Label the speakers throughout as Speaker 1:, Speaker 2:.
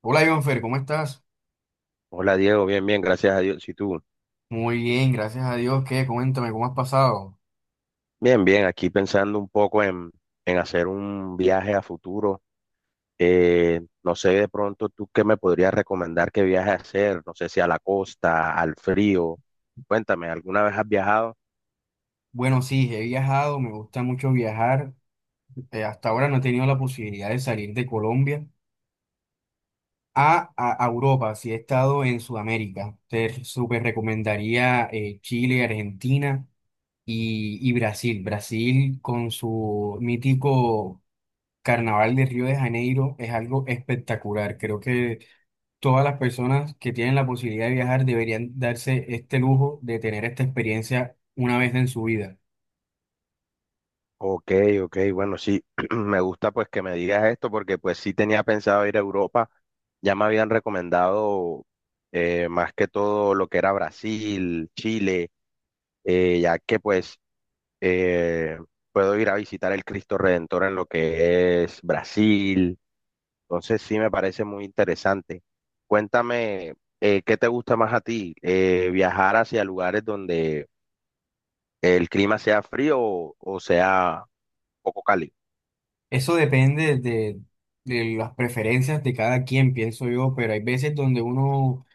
Speaker 1: Hola, Jonfer, ¿cómo estás?
Speaker 2: Hola Diego, bien, bien, gracias a Dios. ¿Y tú?
Speaker 1: Muy bien, gracias a Dios. ¿Qué? Coméntame, ¿cómo has pasado?
Speaker 2: Bien, bien, aquí pensando un poco en hacer un viaje a futuro. No sé de pronto tú qué me podrías recomendar que viaje a hacer, no sé si a la costa, al frío. Cuéntame, ¿alguna vez has viajado?
Speaker 1: Bueno, sí, he viajado, me gusta mucho viajar. Hasta ahora no he tenido la posibilidad de salir de Colombia a Europa, sí he estado en Sudamérica. Te súper recomendaría Chile, Argentina y Brasil. Brasil con su mítico Carnaval de Río de Janeiro es algo espectacular. Creo que todas las personas que tienen la posibilidad de viajar deberían darse este lujo de tener esta experiencia una vez en su vida.
Speaker 2: Ok, ok, bueno, sí, me gusta pues que me digas esto porque pues sí tenía pensado ir a Europa. Ya me habían recomendado más que todo lo que era Brasil, Chile, ya que pues eh, puedo ir a visitar el Cristo Redentor en lo que es Brasil. Entonces sí me parece muy interesante. Cuéntame, ¿qué te gusta más a ti? ¿Viajar hacia lugares donde el clima sea frío o sea poco cálido?
Speaker 1: Eso depende de las preferencias de cada quien, pienso yo, pero hay veces donde uno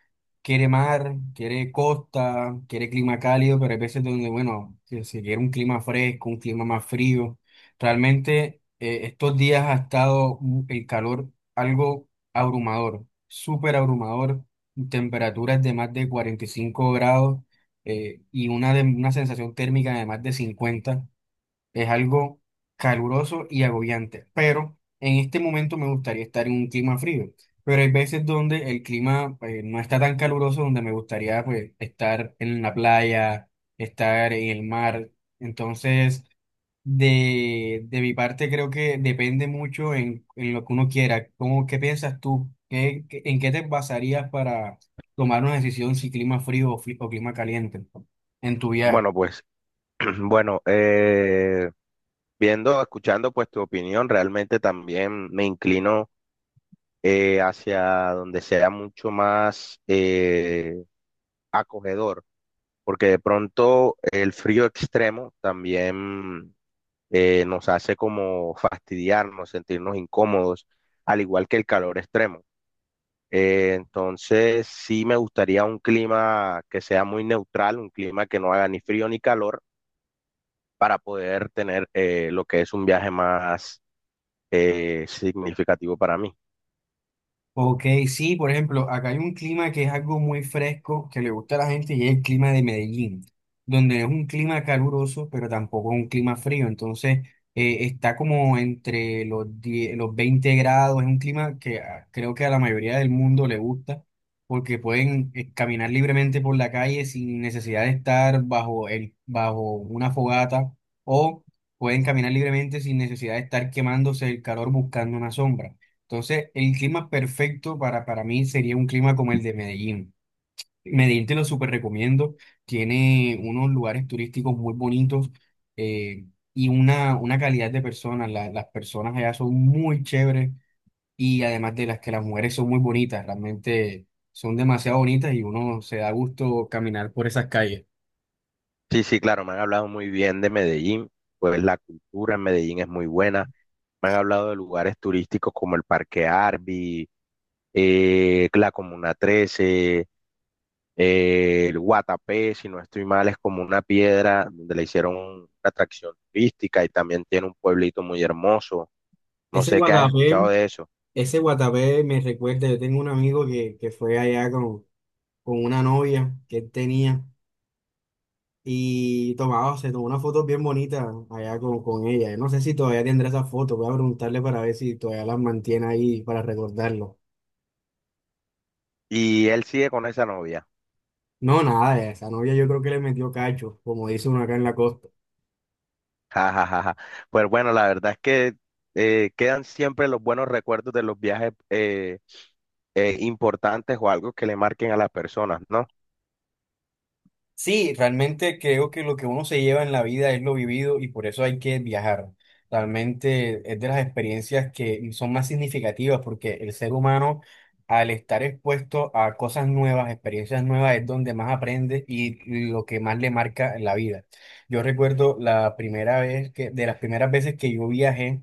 Speaker 1: quiere mar, quiere costa, quiere clima cálido, pero hay veces donde, bueno, si se quiere un clima fresco, un clima más frío. Realmente estos días ha estado el calor algo abrumador, súper abrumador, temperaturas de más de 45 grados y una sensación térmica de más de 50 es algo caluroso y agobiante, pero en este momento me gustaría estar en un clima frío. Pero hay veces donde el clima no está tan caluroso, donde me gustaría, pues, estar en la playa, estar en el mar. Entonces, de mi parte creo que depende mucho en lo que uno quiera. ¿Cómo, qué piensas tú? ¿En qué te basarías para tomar una decisión, si clima frío o clima caliente en tu viaje?
Speaker 2: Bueno, pues, bueno, viendo, escuchando pues tu opinión, realmente también me inclino hacia donde sea mucho más acogedor porque de pronto el frío extremo también nos hace como fastidiarnos, sentirnos incómodos, al igual que el calor extremo. Entonces, sí me gustaría un clima que sea muy neutral, un clima que no haga ni frío ni calor, para poder tener lo que es un viaje más significativo para mí.
Speaker 1: Ok, sí, por ejemplo, acá hay un clima que es algo muy fresco que le gusta a la gente y es el clima de Medellín, donde es un clima caluroso, pero tampoco es un clima frío. Entonces, está como entre los 10 los 20 grados. Es un clima que creo que a la mayoría del mundo le gusta porque pueden caminar libremente por la calle sin necesidad de estar bajo una fogata o pueden caminar libremente sin necesidad de estar quemándose el calor buscando una sombra. Entonces, el clima perfecto para mí sería un clima como el de Medellín. Medellín te lo súper recomiendo. Tiene unos lugares turísticos muy bonitos eh, y una calidad de personas. Las personas allá son muy chéveres y además de las que las mujeres son muy bonitas, realmente son demasiado bonitas y uno se da gusto caminar por esas calles.
Speaker 2: Sí, sí, claro, me han hablado muy bien de Medellín, pues la cultura en Medellín es muy buena. Me han hablado de lugares turísticos como el Parque Arví, la Comuna 13, el Guatapé, si no estoy mal, es como una piedra donde le hicieron una atracción turística y también tiene un pueblito muy hermoso. No
Speaker 1: Ese
Speaker 2: sé qué has escuchado
Speaker 1: Guatapé,
Speaker 2: de eso.
Speaker 1: ese Guatapé me recuerda, yo tengo un amigo que fue allá con una novia que él tenía. Y tomaba, se tomó una foto bien bonita allá con ella. No sé si todavía tendrá esa foto, voy a preguntarle para ver si todavía las mantiene ahí para recordarlo.
Speaker 2: ¿Y él sigue con esa novia?
Speaker 1: No, nada, esa novia yo creo que le metió cacho, como dice uno acá en la costa.
Speaker 2: Ja, ja, ja, ja. Pues bueno, la verdad es que quedan siempre los buenos recuerdos de los viajes importantes o algo que le marquen a las personas, ¿no?
Speaker 1: Sí, realmente creo que lo que uno se lleva en la vida es lo vivido y por eso hay que viajar. Realmente es de las experiencias que son más significativas, porque el ser humano al estar expuesto a cosas nuevas, experiencias nuevas, es donde más aprende y lo que más le marca en la vida. Yo recuerdo la primera vez que, de las primeras veces que yo viajé,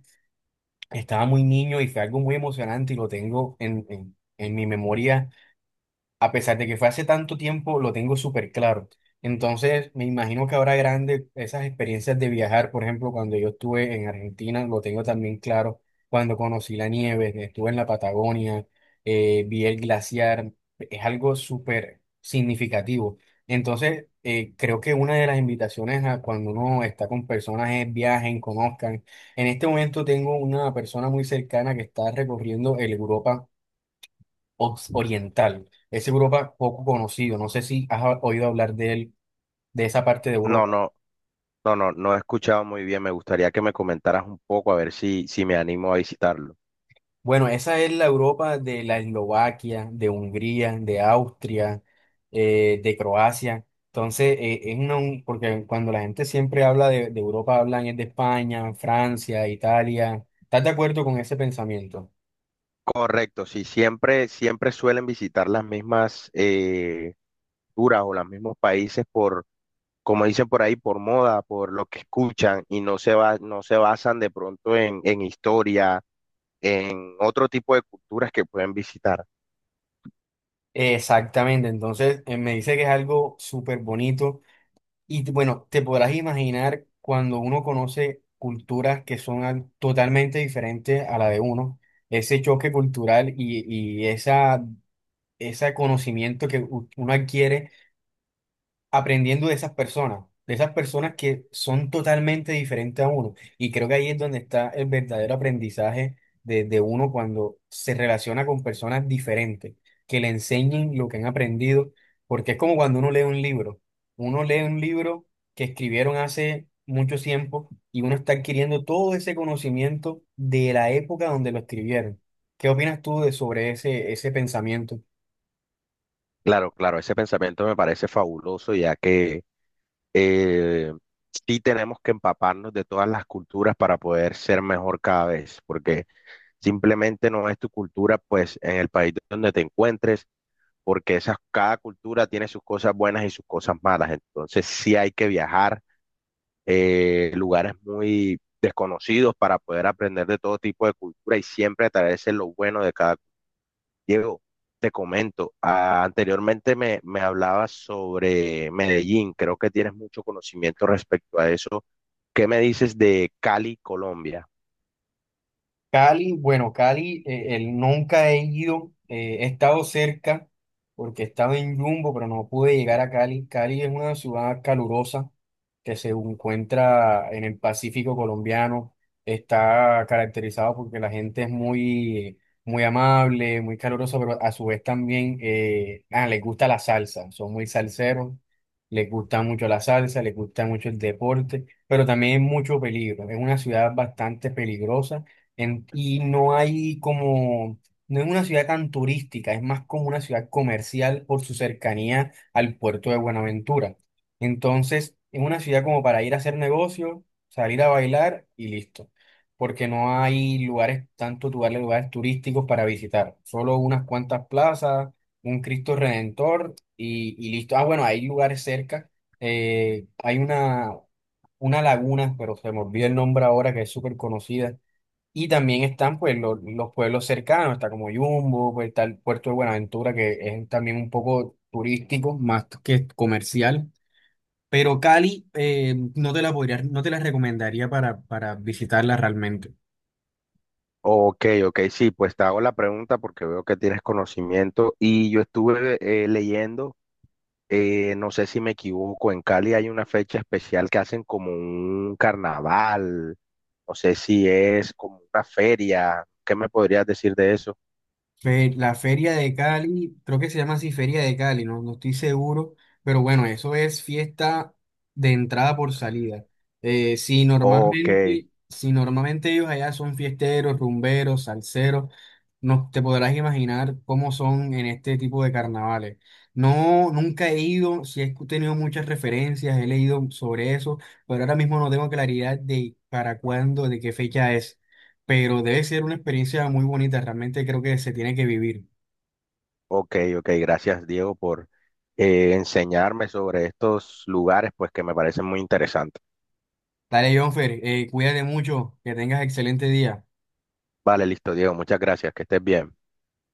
Speaker 1: estaba muy niño y fue algo muy emocionante y lo tengo en mi memoria. A pesar de que fue hace tanto tiempo, lo tengo súper claro. Entonces, me imagino que ahora grande esas experiencias de viajar, por ejemplo, cuando yo estuve en Argentina, lo tengo también claro, cuando conocí la nieve, que estuve en la Patagonia, vi el glaciar, es algo súper significativo. Entonces, creo que una de las invitaciones a cuando uno está con personas es viajen, conozcan. En este momento tengo una persona muy cercana que está recorriendo el Europa oriental. Es Europa poco conocido. No sé si has oído hablar de él, de esa parte de
Speaker 2: No,
Speaker 1: Europa.
Speaker 2: no, no, no, no he escuchado muy bien. Me gustaría que me comentaras un poco a ver si, si me animo a visitarlo.
Speaker 1: Bueno, esa es la Europa de la Eslovaquia, de Hungría, de Austria, de Croacia. Entonces, es porque cuando la gente siempre habla de Europa, hablan es de España, Francia, Italia. ¿Estás de acuerdo con ese pensamiento?
Speaker 2: Correcto, sí, siempre, siempre suelen visitar las mismas culturas o los mismos países como dicen por ahí, por moda, por lo que escuchan y no se va, no se basan de pronto en historia, en otro tipo de culturas que pueden visitar.
Speaker 1: Exactamente, entonces me dice que es algo súper bonito. Y bueno, te podrás imaginar cuando uno conoce culturas que son totalmente diferentes a la de uno, ese choque cultural y ese conocimiento que uno adquiere aprendiendo de esas personas que son totalmente diferentes a uno. Y creo que ahí es donde está el verdadero aprendizaje de uno cuando se relaciona con personas diferentes, que le enseñen lo que han aprendido, porque es como cuando uno lee un libro. Uno lee un libro que escribieron hace mucho tiempo y uno está adquiriendo todo ese conocimiento de la época donde lo escribieron. ¿Qué opinas tú de sobre ese pensamiento?
Speaker 2: Claro, claro, ese pensamiento me parece fabuloso, ya que eh, sí tenemos que empaparnos de todas las culturas para poder ser mejor cada vez, porque simplemente no es tu cultura, pues en el país donde te encuentres porque esas, cada cultura tiene sus cosas buenas y sus cosas malas. Entonces sí hay que viajar lugares muy desconocidos para poder aprender de todo tipo de cultura y siempre traerse lo bueno de cada. Diego, te comento, ah, anteriormente me hablabas sobre Medellín, creo que tienes mucho conocimiento respecto a eso. ¿Qué me dices de Cali, Colombia?
Speaker 1: Cali, bueno, Cali, nunca he ido, he estado cerca porque he estado en Jumbo, pero no pude llegar a Cali. Cali es una ciudad calurosa que se encuentra en el Pacífico colombiano. Está caracterizado porque la gente es muy, muy amable, muy calurosa, pero a su vez también les gusta la salsa, son muy salseros, les gusta mucho la salsa, les gusta mucho el deporte, pero también mucho peligro. Es una ciudad bastante peligrosa y no hay como, no es una ciudad tan turística, es más como una ciudad comercial por su cercanía al puerto de Buenaventura. Entonces, es una ciudad como para ir a hacer negocio, salir a bailar y listo. Porque no hay lugares, tantos lugares, lugares turísticos para visitar. Solo unas cuantas plazas, un Cristo Redentor y listo. Ah, bueno, hay lugares cerca. Hay una laguna, pero se me olvidó el nombre ahora, que es súper conocida. Y también están, pues, los pueblos cercanos, está como Yumbo, pues, está el puerto de Buenaventura, que es también un poco turístico, más que comercial. Pero Cali no te la podría, no te la recomendaría para visitarla realmente.
Speaker 2: Ok, ok, sí, pues te hago la pregunta porque veo que tienes conocimiento y yo estuve leyendo. No sé si me equivoco, en Cali hay una fecha especial que hacen como un carnaval, no sé si es como una feria, ¿qué me podrías decir de eso?
Speaker 1: La Feria de Cali, creo que se llama así, Feria de Cali, no, no estoy seguro, pero bueno, eso es fiesta de entrada por salida. Eh, si
Speaker 2: Ok,
Speaker 1: normalmente, si normalmente ellos allá son fiesteros, rumberos, salseros, no te podrás imaginar cómo son en este tipo de carnavales. No, nunca he ido, sí he tenido muchas referencias, he leído sobre eso, pero ahora mismo no tengo claridad de para cuándo, de qué fecha es, pero debe ser una experiencia muy bonita, realmente creo que se tiene que vivir.
Speaker 2: ok, ok, gracias Diego por enseñarme sobre estos lugares, pues que me parecen muy interesantes.
Speaker 1: Dale, Jonfer, cuídate mucho, que tengas excelente día.
Speaker 2: Vale, listo Diego, muchas gracias, que estés bien.